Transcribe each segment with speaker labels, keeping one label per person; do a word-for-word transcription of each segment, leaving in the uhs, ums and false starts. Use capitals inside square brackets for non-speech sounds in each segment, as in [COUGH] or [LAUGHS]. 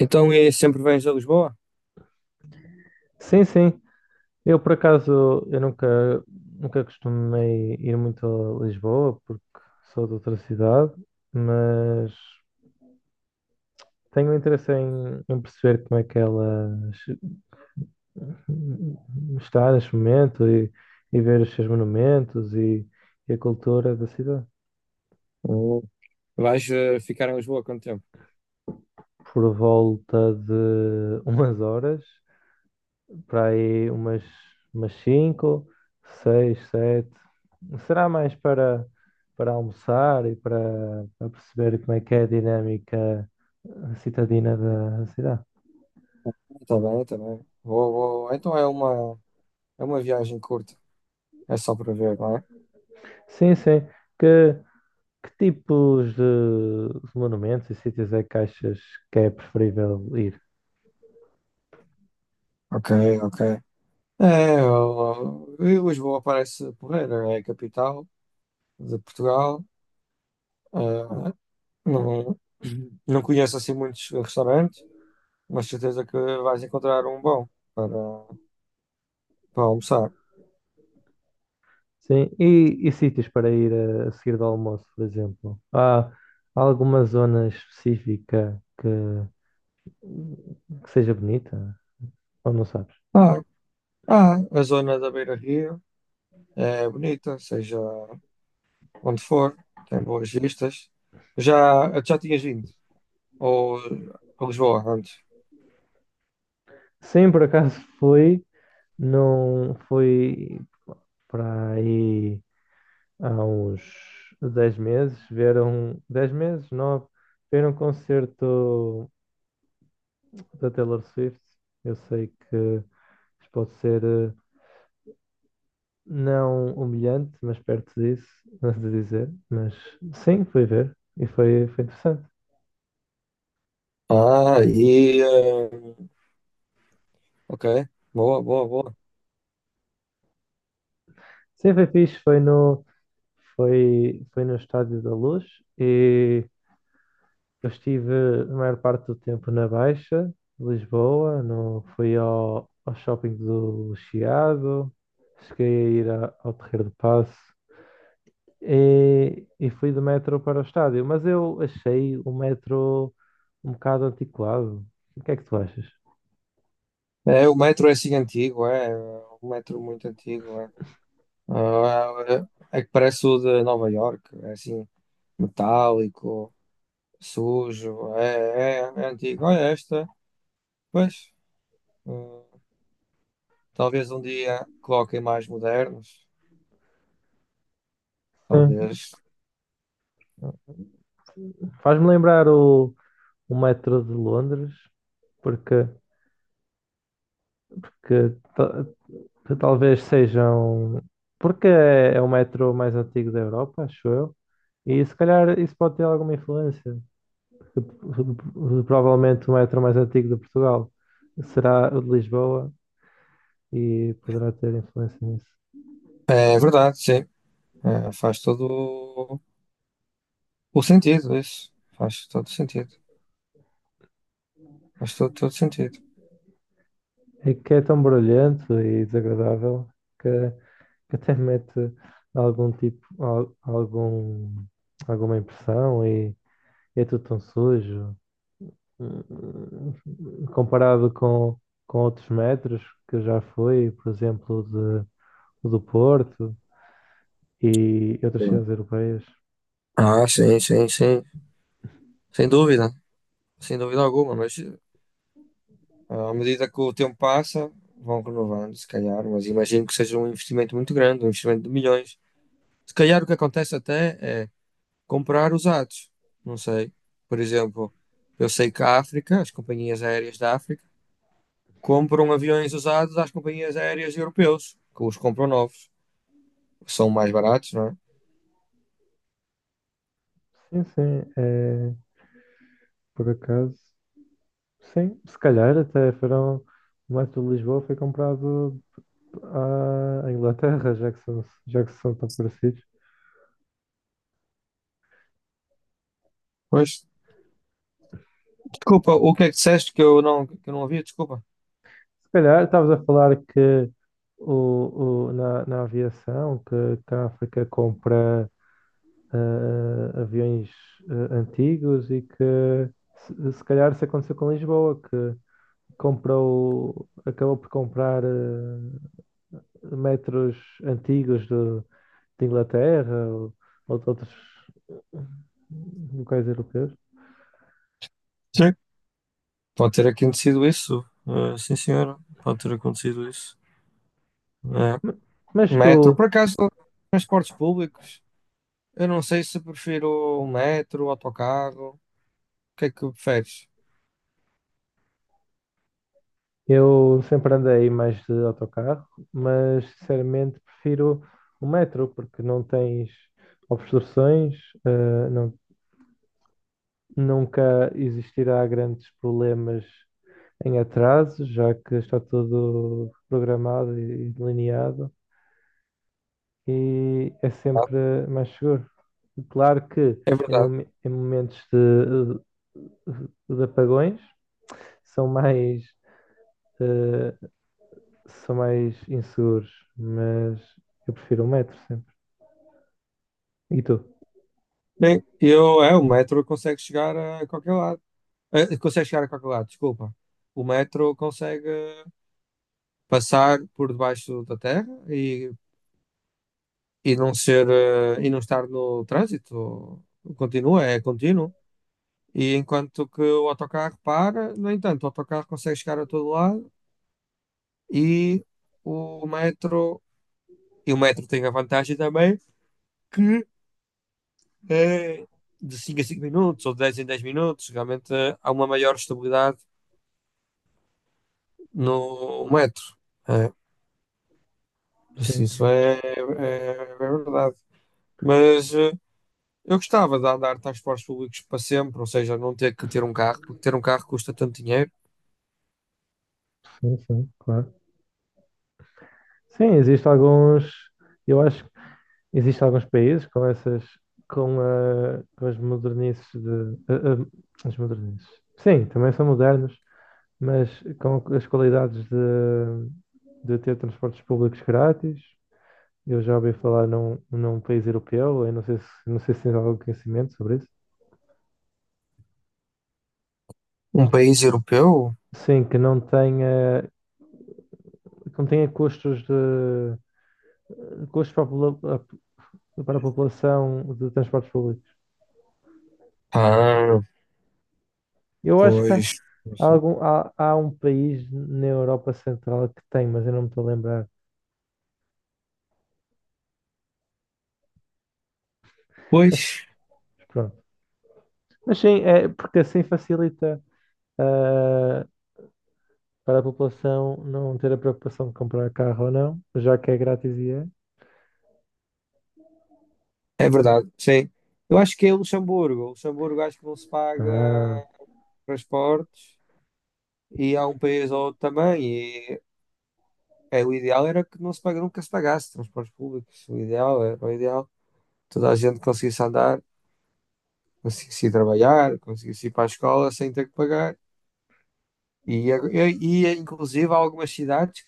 Speaker 1: Então, e sempre vens a Lisboa?
Speaker 2: Sim, sim. Eu, por acaso, eu nunca, nunca costumei ir muito a Lisboa, porque sou de outra cidade, mas tenho interesse em, em perceber como é que ela se- está neste momento e, e ver os seus monumentos e, e a cultura da cidade.
Speaker 1: Ou Vais eh, ficar em Lisboa quanto tempo?
Speaker 2: Por volta de umas horas, para aí umas, umas cinco seis sete. Será mais para, para almoçar e para, para perceber como é que é a dinâmica citadina da cidade.
Speaker 1: Está bem, está bem. Vou, vou. Então é uma, é uma viagem curta. É só para ver, não é?
Speaker 2: Sim, sim. Que, que tipos de monumentos e sítios é que achas que é preferível ir?
Speaker 1: Ok, ok. É, eu- eu- Lisboa parece porreira. É a capital de Portugal. Eh, não, não conheço assim muitos restaurantes, mas certeza que vais encontrar um bom para, para almoçar.
Speaker 2: Sim, e, e sítios para ir a, a seguir do almoço, por exemplo? Há alguma zona específica que, que seja bonita? Ou não sabes?
Speaker 1: Ah, ah, a zona da Beira-Rio é bonita, seja onde for, tem boas vistas. Já, já tinhas vindo? Ou a Lisboa antes?
Speaker 2: Sim, por acaso fui, não fui para aí há uns dez meses, vieram dez meses, nove, vieram um concerto da Taylor Swift. Eu sei que isto pode ser eh, não humilhante, mas perto disso, [LAUGHS] mas de dizer, mas sim, fui ver e foi, foi interessante.
Speaker 1: Ah, e. eh, ok, boa, boa, boa.
Speaker 2: Sim, foi fixe, foi no, foi, foi no Estádio da Luz e eu estive a maior parte do tempo na Baixa, de Lisboa, no, fui ao, ao shopping do Chiado, cheguei a ir a- ao Terreiro do Paço e, e fui do metro para o estádio. Mas eu achei o metro um bocado antiquado. O que é que tu achas?
Speaker 1: É, o metro é assim antigo, é. Um metro muito antigo, é. Ah, é, é que parece o de Nova York, é assim, metálico, sujo, é, é, é antigo. Olha esta, pois. hum, Talvez um dia coloquem mais modernos,
Speaker 2: Sim.
Speaker 1: talvez.
Speaker 2: Faz-me lembrar o, o metro de Londres, porque, porque que talvez sejam. Porque é é o metro mais antigo da Europa, acho eu, e se calhar isso pode ter alguma influência. que p- Provavelmente o metro mais antigo de Portugal será o de Lisboa e poderá ter influência nisso.
Speaker 1: É verdade, sim. É, faz todo. O sentido, isso. Faz todo sentido. Faz todo, todo sentido.
Speaker 2: É que é tão barulhento e desagradável que, que até mete algum tipo, al- algum, alguma impressão e é tudo tão sujo eh, comparado com, com outros metros que já fui, por exemplo, de, do Porto e outras
Speaker 1: Sim.
Speaker 2: cidades europeias.
Speaker 1: Ah, sim, sim, sim. Sem dúvida. Sem dúvida alguma. Mas ah, à medida que o tempo passa, vão renovando, se calhar. Mas imagino que seja um investimento muito grande, um investimento de milhões. Se calhar o que acontece até é comprar usados. Não sei. Por exemplo, eu sei que a África, as companhias aéreas da África, compram aviões usados às companhias aéreas europeus, que os compram novos. São mais baratos, não é?
Speaker 2: Sim, sim, é, por acaso. Sim, se calhar até foram. O metro de Lisboa foi comprado à à Inglaterra, já que são, já que são tão parecidos.
Speaker 1: Pois. Desculpa, o que é que disseste que eu não, que eu não, ouvi? Desculpa.
Speaker 2: Se calhar estavas a falar que o, o, na, na aviação, que, que a África compra ah, aviões ah, antigos e que se, se calhar isso aconteceu com Lisboa, que comprou, acabou por comprar ah, metros antigos do- de Inglaterra ou, ou de outros eh, locais europeus.
Speaker 1: Sim. Pode ter acontecido isso. Uh, sim, senhora. Pode ter acontecido isso. Uh,
Speaker 2: Mas
Speaker 1: Metro.
Speaker 2: tu,
Speaker 1: Por acaso, transportes públicos? Eu não sei se prefiro o metro, o autocarro. O que é que preferes?
Speaker 2: eu sempre andei mais de autocarro, mas sinceramente prefiro o metro, porque não tens obstruções, eh, não, nunca existirá grandes problemas em atraso, já que está tudo programado e delineado, e é
Speaker 1: Ah,
Speaker 2: sempre mais seguro. Claro que
Speaker 1: é
Speaker 2: em,
Speaker 1: verdade.
Speaker 2: momen- em momentos de, de- apagões são mais, eh, são mais inseguros, mas eu prefiro o metro sempre. E tu?
Speaker 1: Bem, eu, é, o metro consegue chegar a qualquer lado. Eh, consegue chegar a qualquer lado, desculpa. O metro consegue passar por debaixo da terra e e não ser, eh, e não estar no trânsito. Continua, é contínuo. E enquanto que o autocarro para, no entanto, o autocarro consegue chegar a todo lado e o metro, e o metro tem a vantagem também que é de cinco a cinco minutos ou de dez em dez minutos, realmente eh, há uma maior estabilidade no metro. É, isso,
Speaker 2: Sim,
Speaker 1: isso é, é, é verdade. Mas eh, eu gostava de andar de transportes públicos para sempre, ou seja, não ter que ter um carro, porque ter um carro custa tanto dinheiro.
Speaker 2: sim, sim, claro. Sim, existem alguns. Eu acho. Existem alguns países com essas, com, ah, com as modernices de. ah, ah, as modernices. Sim, também são modernos, mas com as qualidades de, de ter transportes públicos grátis. Eu já ouvi falar num, num país europeu, eu não sei se, não sei se tens algum conhecimento sobre isso.
Speaker 1: Um país europeu?
Speaker 2: Sim, que não tenha, que não tenha custos de custos para a, popula- para a população de transportes públicos.
Speaker 1: Ah,
Speaker 2: Eu acho que há,
Speaker 1: pois. Não sei.
Speaker 2: algum, há, há um país na Europa Central que tem, mas eu não me estou a lembrar.
Speaker 1: Pois,
Speaker 2: Mas pronto. Mas sim, é porque assim facilita ah, para a população não ter a preocupação de comprar carro ou não, já que é grátis e é.
Speaker 1: é verdade, sim. Eu acho que é Luxemburgo. Luxemburgo acho que não se paga
Speaker 2: Ah,
Speaker 1: transportes e há um país ou outro também. E é, o ideal era que não se paga, nunca se pagasse transportes públicos. O ideal era o ideal. Toda a gente conseguisse andar, conseguisse ir trabalhar, conseguisse ir para a escola sem ter que pagar. E, e, e, inclusive há algumas cidades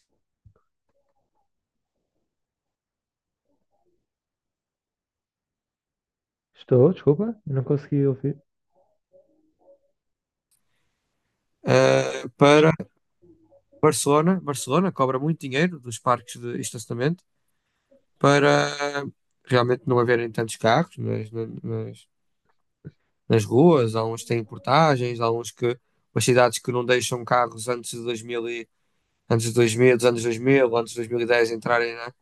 Speaker 2: estou, desculpa, não consegui ouvir.
Speaker 1: eh, para Barcelona. Barcelona cobra muito dinheiro dos parques de estacionamento para realmente não haverem tantos carros nas, na- nas, nas ruas. Há uns que têm portagens, há uns que umas cidades que não deixam carros antes de dois mil e, antes de dois mil dos anos dois mil antes de dois mil e dez entrarem na,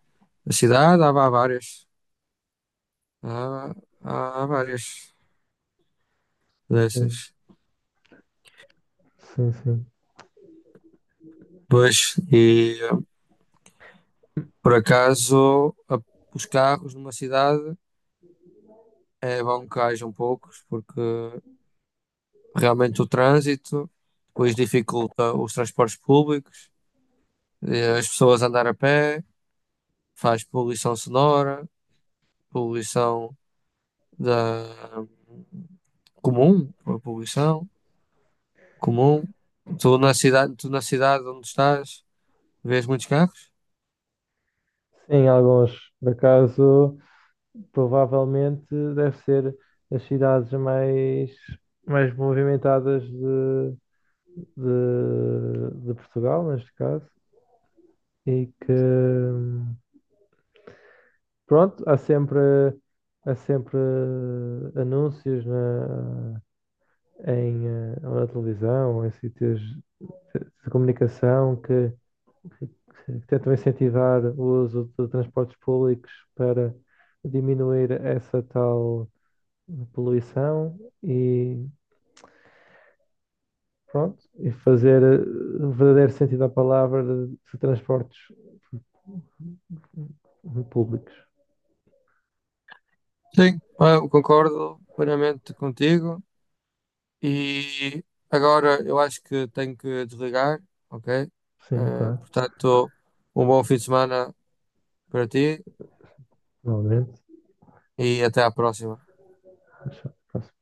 Speaker 1: na cidade. Há, há várias. Há, há, há várias
Speaker 2: Sim,
Speaker 1: dessas.
Speaker 2: sim, sim.
Speaker 1: Pois, e por acaso, a- os carros numa cidade é bom que hajam poucos, porque realmente o trânsito depois dificulta os transportes públicos, eh, as pessoas andar a pé, faz poluição sonora, poluição da comum, a poluição comum. Tu na cidade, tu na cidade onde estás, vês muitos carros?
Speaker 2: Sim, alguns. Por acaso, provavelmente deve ser as cidades mais, mais movimentadas de, de, de Portugal, neste caso, e que, pronto, há sempre, há sempre anúncios na, em, eh, ou na televisão, ou em sítios de, de comunicação que, que tentam incentivar o uso de transportes públicos para diminuir essa tal poluição e pronto, e fazer eh, o verdadeiro sentido da palavra de de transportes públicos.
Speaker 1: Sim, eu concordo plenamente contigo. E agora eu acho que tenho que desligar, ok?
Speaker 2: Sim,
Speaker 1: Eh,
Speaker 2: claro.
Speaker 1: portanto, um bom fim de semana para ti
Speaker 2: Normalmente
Speaker 1: e até à próxima.
Speaker 2: acho que